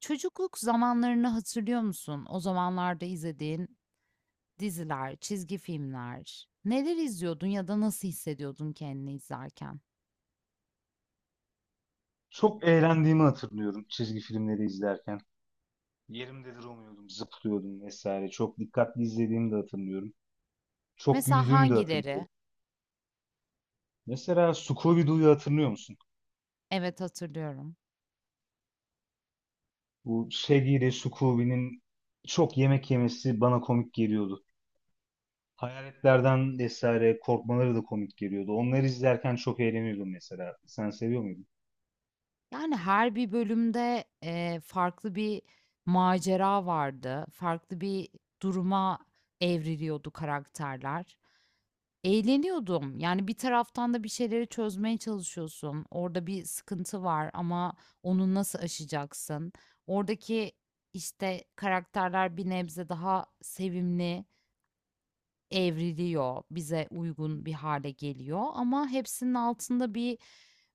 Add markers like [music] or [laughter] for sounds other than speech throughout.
Çocukluk zamanlarını hatırlıyor musun? O zamanlarda izlediğin diziler, çizgi filmler. Neler izliyordun ya da nasıl hissediyordun kendini izlerken? Çok eğlendiğimi hatırlıyorum çizgi filmleri izlerken. Yerimde duramıyordum, zıplıyordum vesaire. Çok dikkatli izlediğimi de hatırlıyorum. Çok Mesela güldüğümü de hatırlıyorum. hangileri? Mesela Scooby-Doo'yu hatırlıyor musun? Evet hatırlıyorum. Bu Shaggy ile Scooby'nin çok yemek yemesi bana komik geliyordu. Hayaletlerden vesaire korkmaları da komik geliyordu. Onları izlerken çok eğleniyordum mesela. Sen seviyor muydun? Yani her bir bölümde farklı bir macera vardı. Farklı bir duruma evriliyordu karakterler. Eğleniyordum. Yani bir taraftan da bir şeyleri çözmeye çalışıyorsun. Orada bir sıkıntı var ama onu nasıl aşacaksın? Oradaki işte karakterler bir nebze daha sevimli. Evriliyor, bize uygun bir hale geliyor ama hepsinin altında bir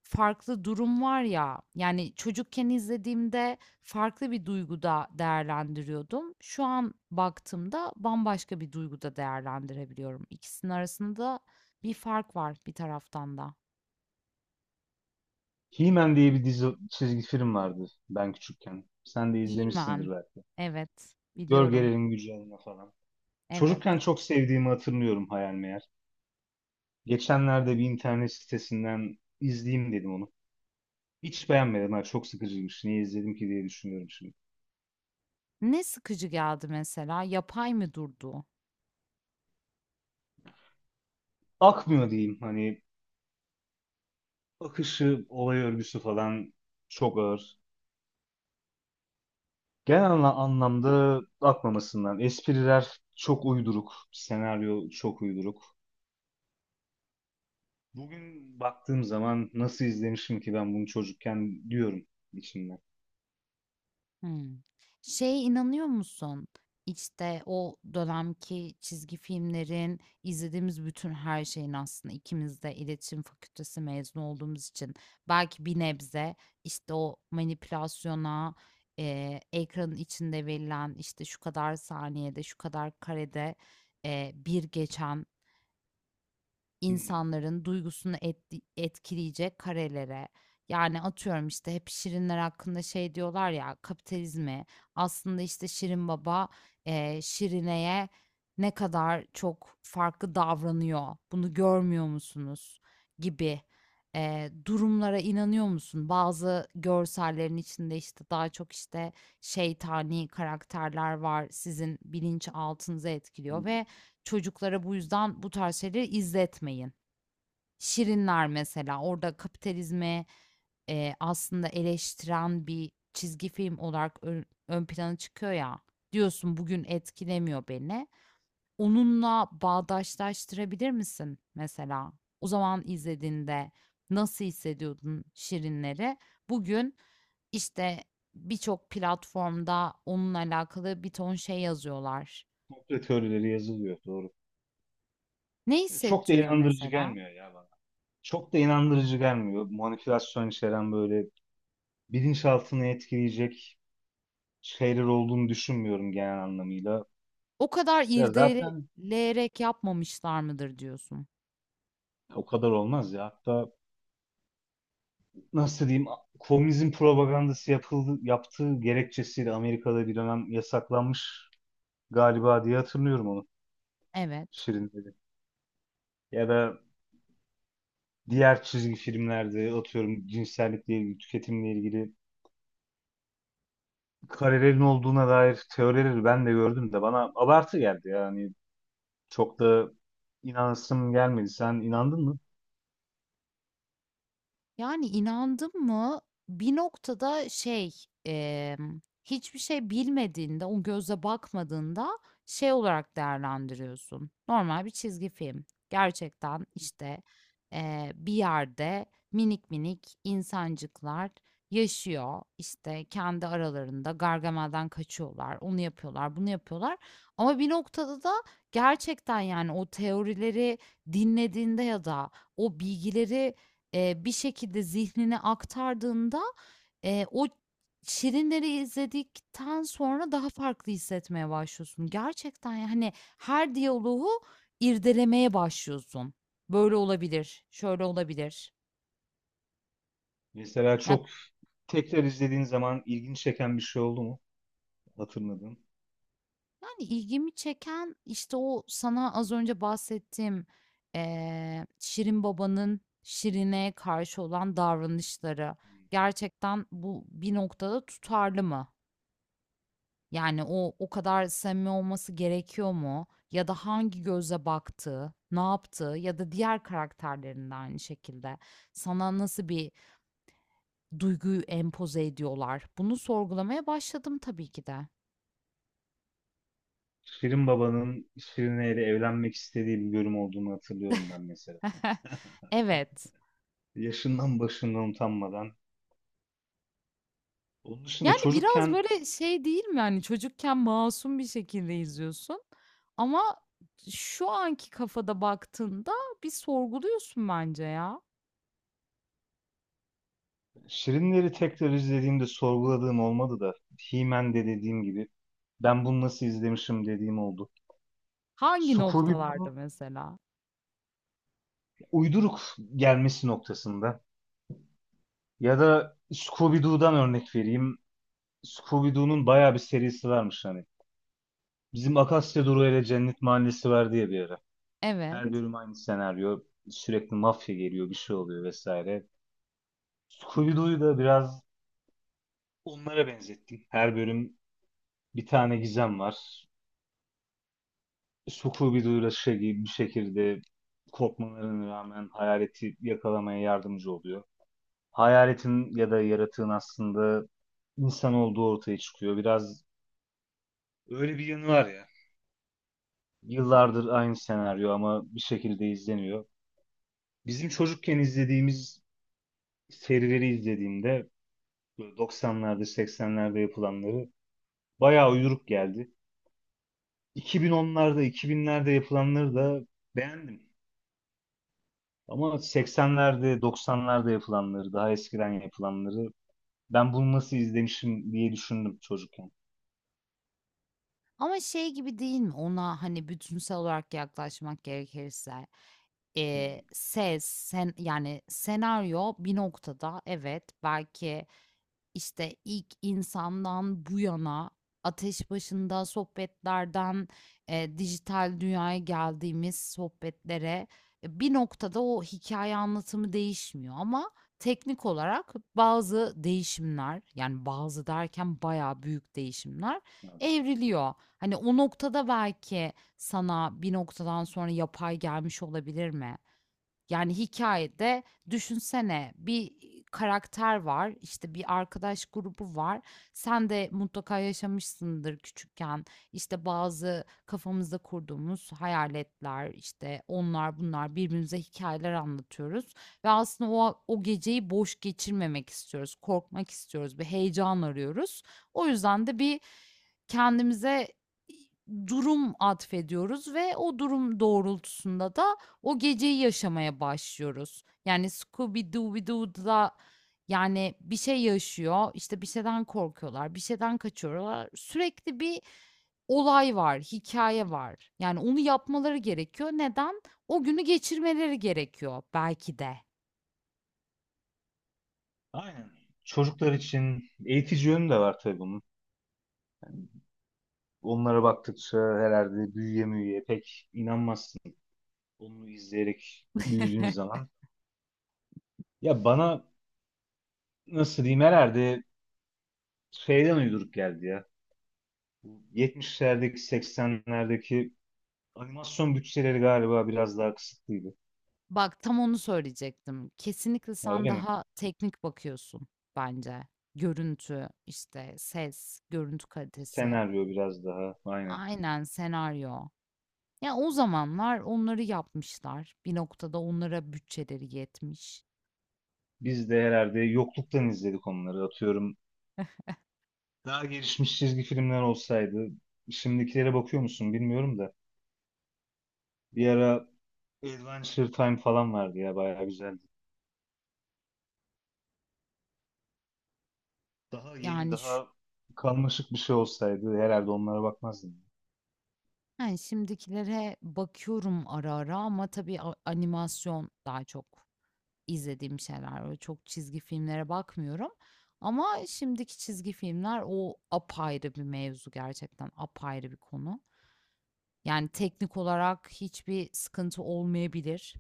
farklı durum var ya. Yani çocukken izlediğimde farklı bir duyguda değerlendiriyordum. Şu an baktığımda bambaşka bir duyguda değerlendirebiliyorum. İkisinin arasında bir fark var bir taraftan da. He-Man diye bir dizi çizgi film vardı ben küçükken. Sen de İmen. izlemişsindir belki. Evet, biliyorum. Gölgelerin gücü adına falan. Evet. Çocukken çok sevdiğimi hatırlıyorum hayal meğer. Geçenlerde bir internet sitesinden izleyeyim dedim onu. Hiç beğenmedim. Ha, çok sıkıcıymış. Niye izledim ki diye düşünüyorum şimdi. Ne sıkıcı geldi mesela? Yapay mı durdu? Akmıyor diyeyim. Hani akışı, olay örgüsü falan çok ağır. Genel anlamda akmamasından. Espriler çok uyduruk. Senaryo çok uyduruk. Bugün baktığım zaman nasıl izlemişim ki ben bunu çocukken diyorum içimden. Hımm. Şeye inanıyor musun? İşte, o dönemki çizgi filmlerin, izlediğimiz bütün her şeyin aslında ikimiz de iletişim fakültesi mezunu olduğumuz için belki bir nebze, işte, o manipülasyona, ekranın içinde verilen, işte, şu kadar saniyede, şu kadar karede, bir geçen Hmm. insanların duygusunu etkileyecek karelere, yani atıyorum işte hep şirinler hakkında şey diyorlar ya kapitalizmi aslında işte Şirin Baba Şirine'ye ne kadar çok farklı davranıyor bunu görmüyor musunuz gibi durumlara inanıyor musun? Bazı görsellerin içinde işte daha çok işte şeytani karakterler var sizin bilinç altınızı etkiliyor hmm. ve Çocuklara bu yüzden bu tarz şeyleri izletmeyin. Şirinler mesela orada kapitalizmi, aslında eleştiren bir çizgi film olarak ön plana çıkıyor ya. Diyorsun bugün etkilemiyor beni. Onunla bağdaşlaştırabilir misin mesela? O zaman izlediğinde nasıl hissediyordun Şirinleri? Bugün, işte, birçok platformda onunla alakalı bir ton şey yazıyorlar. Komplo teorileri yazılıyor. Doğru. Ne Çok da hissettiriyor inandırıcı mesela? gelmiyor ya bana. Çok da inandırıcı gelmiyor. Manipülasyon içeren böyle bilinçaltını etkileyecek şeyler olduğunu düşünmüyorum genel anlamıyla. O kadar Ya zaten irdeleyerek yapmamışlar mıdır diyorsun? o kadar olmaz ya. Hatta nasıl diyeyim, komünizm propagandası yapıldı, yaptığı gerekçesiyle Amerika'da bir dönem yasaklanmış galiba diye hatırlıyorum onu Evet. Şirin dedi. Ya da diğer çizgi filmlerde atıyorum cinsellikle ilgili, tüketimle ilgili karelerin olduğuna dair teorileri ben de gördüm de bana abartı geldi yani çok da inanasım gelmedi. Sen inandın mı? Yani, inandım mı, bir noktada şey, hiçbir şey bilmediğinde, o göze bakmadığında şey olarak değerlendiriyorsun, normal bir çizgi film. Gerçekten, işte, bir yerde minik minik insancıklar yaşıyor, işte, kendi aralarında Gargamel'den kaçıyorlar, onu yapıyorlar, bunu yapıyorlar ama bir noktada da gerçekten, yani, o teorileri dinlediğinde ya da o bilgileri bir şekilde zihnine aktardığında, o Şirinleri izledikten sonra daha farklı hissetmeye başlıyorsun. Gerçekten, yani her diyaloğu irdelemeye başlıyorsun. Böyle olabilir, şöyle olabilir. Mesela Ya, çok tekrar izlediğin zaman ilginç çeken bir şey oldu mu? Hatırladın. yani, ilgimi çeken, işte, o sana az önce bahsettiğim, Şirin Baba'nın Şirin'e karşı olan davranışları. Gerçekten bu bir noktada tutarlı mı? Yani o kadar samimi olması gerekiyor mu? Ya da hangi gözle baktığı, ne yaptı ya da diğer karakterlerinde aynı şekilde sana nasıl bir duyguyu empoze ediyorlar? Bunu sorgulamaya başladım tabii ki de. Şirin Baba'nın Şirine ile evlenmek istediği bir bölüm olduğunu hatırlıyorum ben mesela. [laughs] Evet. Yaşından başından utanmadan. Onun dışında Yani biraz çocukken böyle şey değil mi? Yani çocukken masum bir şekilde izliyorsun ama şu anki kafada baktığında bir sorguluyorsun bence ya. Şirinleri tekrar izlediğimde sorguladığım olmadı da He-Man'de dediğim gibi ben bunu nasıl izlemişim dediğim oldu. Hangi Scooby noktalarda mesela? uyduruk gelmesi noktasında. Ya da Scooby-Doo'dan örnek vereyim. Scooby-Doo'nun bayağı bir serisi varmış hani. Bizim Akasya Durağı ile Cennet Mahallesi var diye bir ara. Evet. Her bölüm aynı senaryo. Sürekli mafya geliyor, bir şey oluyor vesaire. Scooby-Doo'yu da biraz onlara benzettim. Her bölüm bir tane gizem var. Scooby-Doo'yla Shaggy bir şekilde korkmalarına rağmen hayaleti yakalamaya yardımcı oluyor. Hayaletin ya da yaratığın aslında insan olduğu ortaya çıkıyor. Biraz öyle bir yanı var ya. Yıllardır aynı senaryo ama bir şekilde izleniyor. Bizim çocukken izlediğimiz serileri izlediğimde böyle 90'larda 80'lerde yapılanları bayağı uyduruk geldi. 2010'larda 2000'lerde yapılanları da beğendim. Ama 80'lerde 90'larda yapılanları daha eskiden yapılanları ben bunu nasıl izlemişim diye düşündüm çocukken. Ama şey gibi değil mi? Ona, hani, bütünsel olarak yaklaşmak gerekirse, Hmm. ses, sen yani senaryo bir noktada evet belki işte ilk insandan bu yana ateş başında sohbetlerden, dijital dünyaya geldiğimiz sohbetlere, bir noktada o hikaye anlatımı değişmiyor ama teknik olarak bazı değişimler, yani bazı derken bayağı büyük değişimler Evet. evriliyor. Hani o noktada belki sana bir noktadan sonra yapay gelmiş olabilir mi? Yani hikayede düşünsene bir karakter var, işte, bir arkadaş grubu var. Sen de mutlaka yaşamışsındır küçükken. İşte, bazı kafamızda kurduğumuz hayaletler, işte, onlar bunlar birbirimize hikayeler anlatıyoruz ve aslında o geceyi boş geçirmemek istiyoruz, korkmak istiyoruz, bir heyecan arıyoruz. O yüzden de bir Kendimize durum atfediyoruz ve o durum doğrultusunda da o geceyi yaşamaya başlıyoruz. Yani Scooby-Dooby-Doo'da, yani bir şey yaşıyor, işte, bir şeyden korkuyorlar, bir şeyden kaçıyorlar. Sürekli bir olay var, hikaye var. Yani onu yapmaları gerekiyor. Neden? O günü geçirmeleri gerekiyor belki de. Aynen. Çocuklar için eğitici yönü de var tabii bunun. Onlara baktıkça herhalde büyüye müyüye pek inanmazsın. Onu izleyerek büyüdüğün [laughs] zaman. Ya bana nasıl diyeyim herhalde şeyden uyduruk geldi ya. Bu 70'lerdeki 80'lerdeki animasyon bütçeleri galiba biraz daha kısıtlıydı. Bak, tam onu söyleyecektim. Kesinlikle Ha, sen öyle mi? daha teknik bakıyorsun bence. Görüntü, işte ses, görüntü kalitesi. Senaryo biraz daha aynen. Aynen, senaryo. Ya, o zamanlar onları yapmışlar. Bir noktada onlara bütçeleri yetmiş. Biz de herhalde yokluktan izledik onları atıyorum. Daha gelişmiş çizgi filmler olsaydı, şimdikilere bakıyor musun bilmiyorum da. Bir ara Adventure Time falan vardı ya, bayağı güzeldi. Daha yeni Yani, şu daha karmaşık bir şey olsaydı herhalde onlara bakmazdım. yani, şimdikilere bakıyorum ara ara ama tabii animasyon daha çok izlediğim şeyler var. Çok çizgi filmlere bakmıyorum ama şimdiki çizgi filmler o apayrı bir mevzu gerçekten, apayrı bir konu. Yani teknik olarak hiçbir sıkıntı olmayabilir.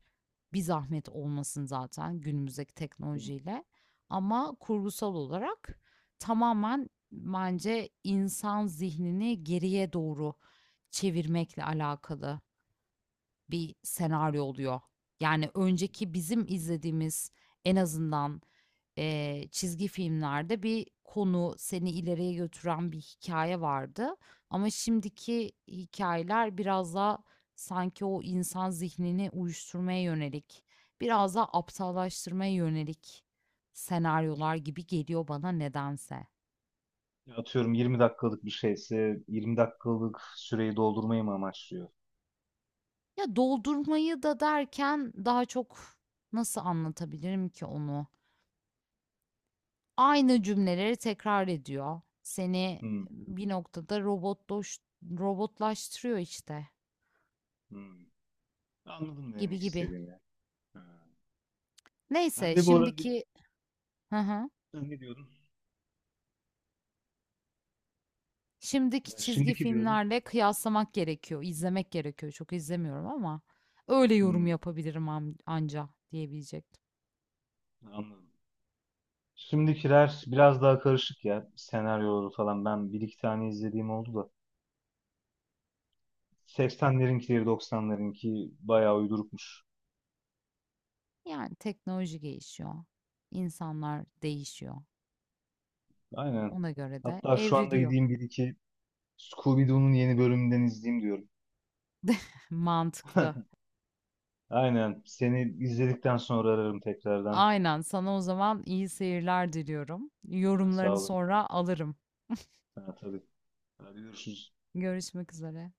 Bir zahmet olmasın zaten günümüzdeki Değil mi? teknolojiyle. Ama kurgusal olarak tamamen bence insan zihnini geriye doğru çevirmekle alakalı bir senaryo oluyor. Yani önceki bizim izlediğimiz en azından çizgi filmlerde bir konu seni ileriye götüren bir hikaye vardı. Ama şimdiki hikayeler biraz daha sanki o insan zihnini uyuşturmaya yönelik, biraz daha aptallaştırmaya yönelik senaryolar gibi geliyor bana nedense. Ya atıyorum 20 dakikalık bir şeyse 20 dakikalık süreyi doldurmayı mı amaçlıyor? Ya doldurmayı da derken daha çok nasıl anlatabilirim ki onu? Aynı cümleleri tekrar ediyor. Seni Hmm. bir noktada robotlaştırıyor işte Hmm. Anladım ne gibi demek gibi. istediğini. Ha. Ben Neyse de bu arada şimdiki hı hı, ne diyordum? şimdiki Ya çizgi şimdiki diyordum. filmlerle kıyaslamak gerekiyor, izlemek gerekiyor. Çok izlemiyorum ama öyle yorum Hmm, yapabilirim anca diyebilecektim. anladım. Şimdikiler biraz daha karışık ya senaryoları falan. Ben bir iki tane izlediğim oldu da. 80'lerinkileri 90'larınki bayağı uydurukmuş. Yani teknoloji gelişiyor, insanlar değişiyor. Aynen. Ona göre de Hatta şu anda evriliyor. gideyim bir iki Scooby-Doo'nun yeni bölümünden izleyeyim diyorum. [laughs] Mantıklı. [laughs] Aynen. Seni izledikten sonra ararım tekrardan. Aynen. Sana o zaman iyi seyirler diliyorum. Ha, sağ Yorumlarını olun. sonra alırım. Ha, tabii. Hadi görüşürüz. Görüşmek üzere.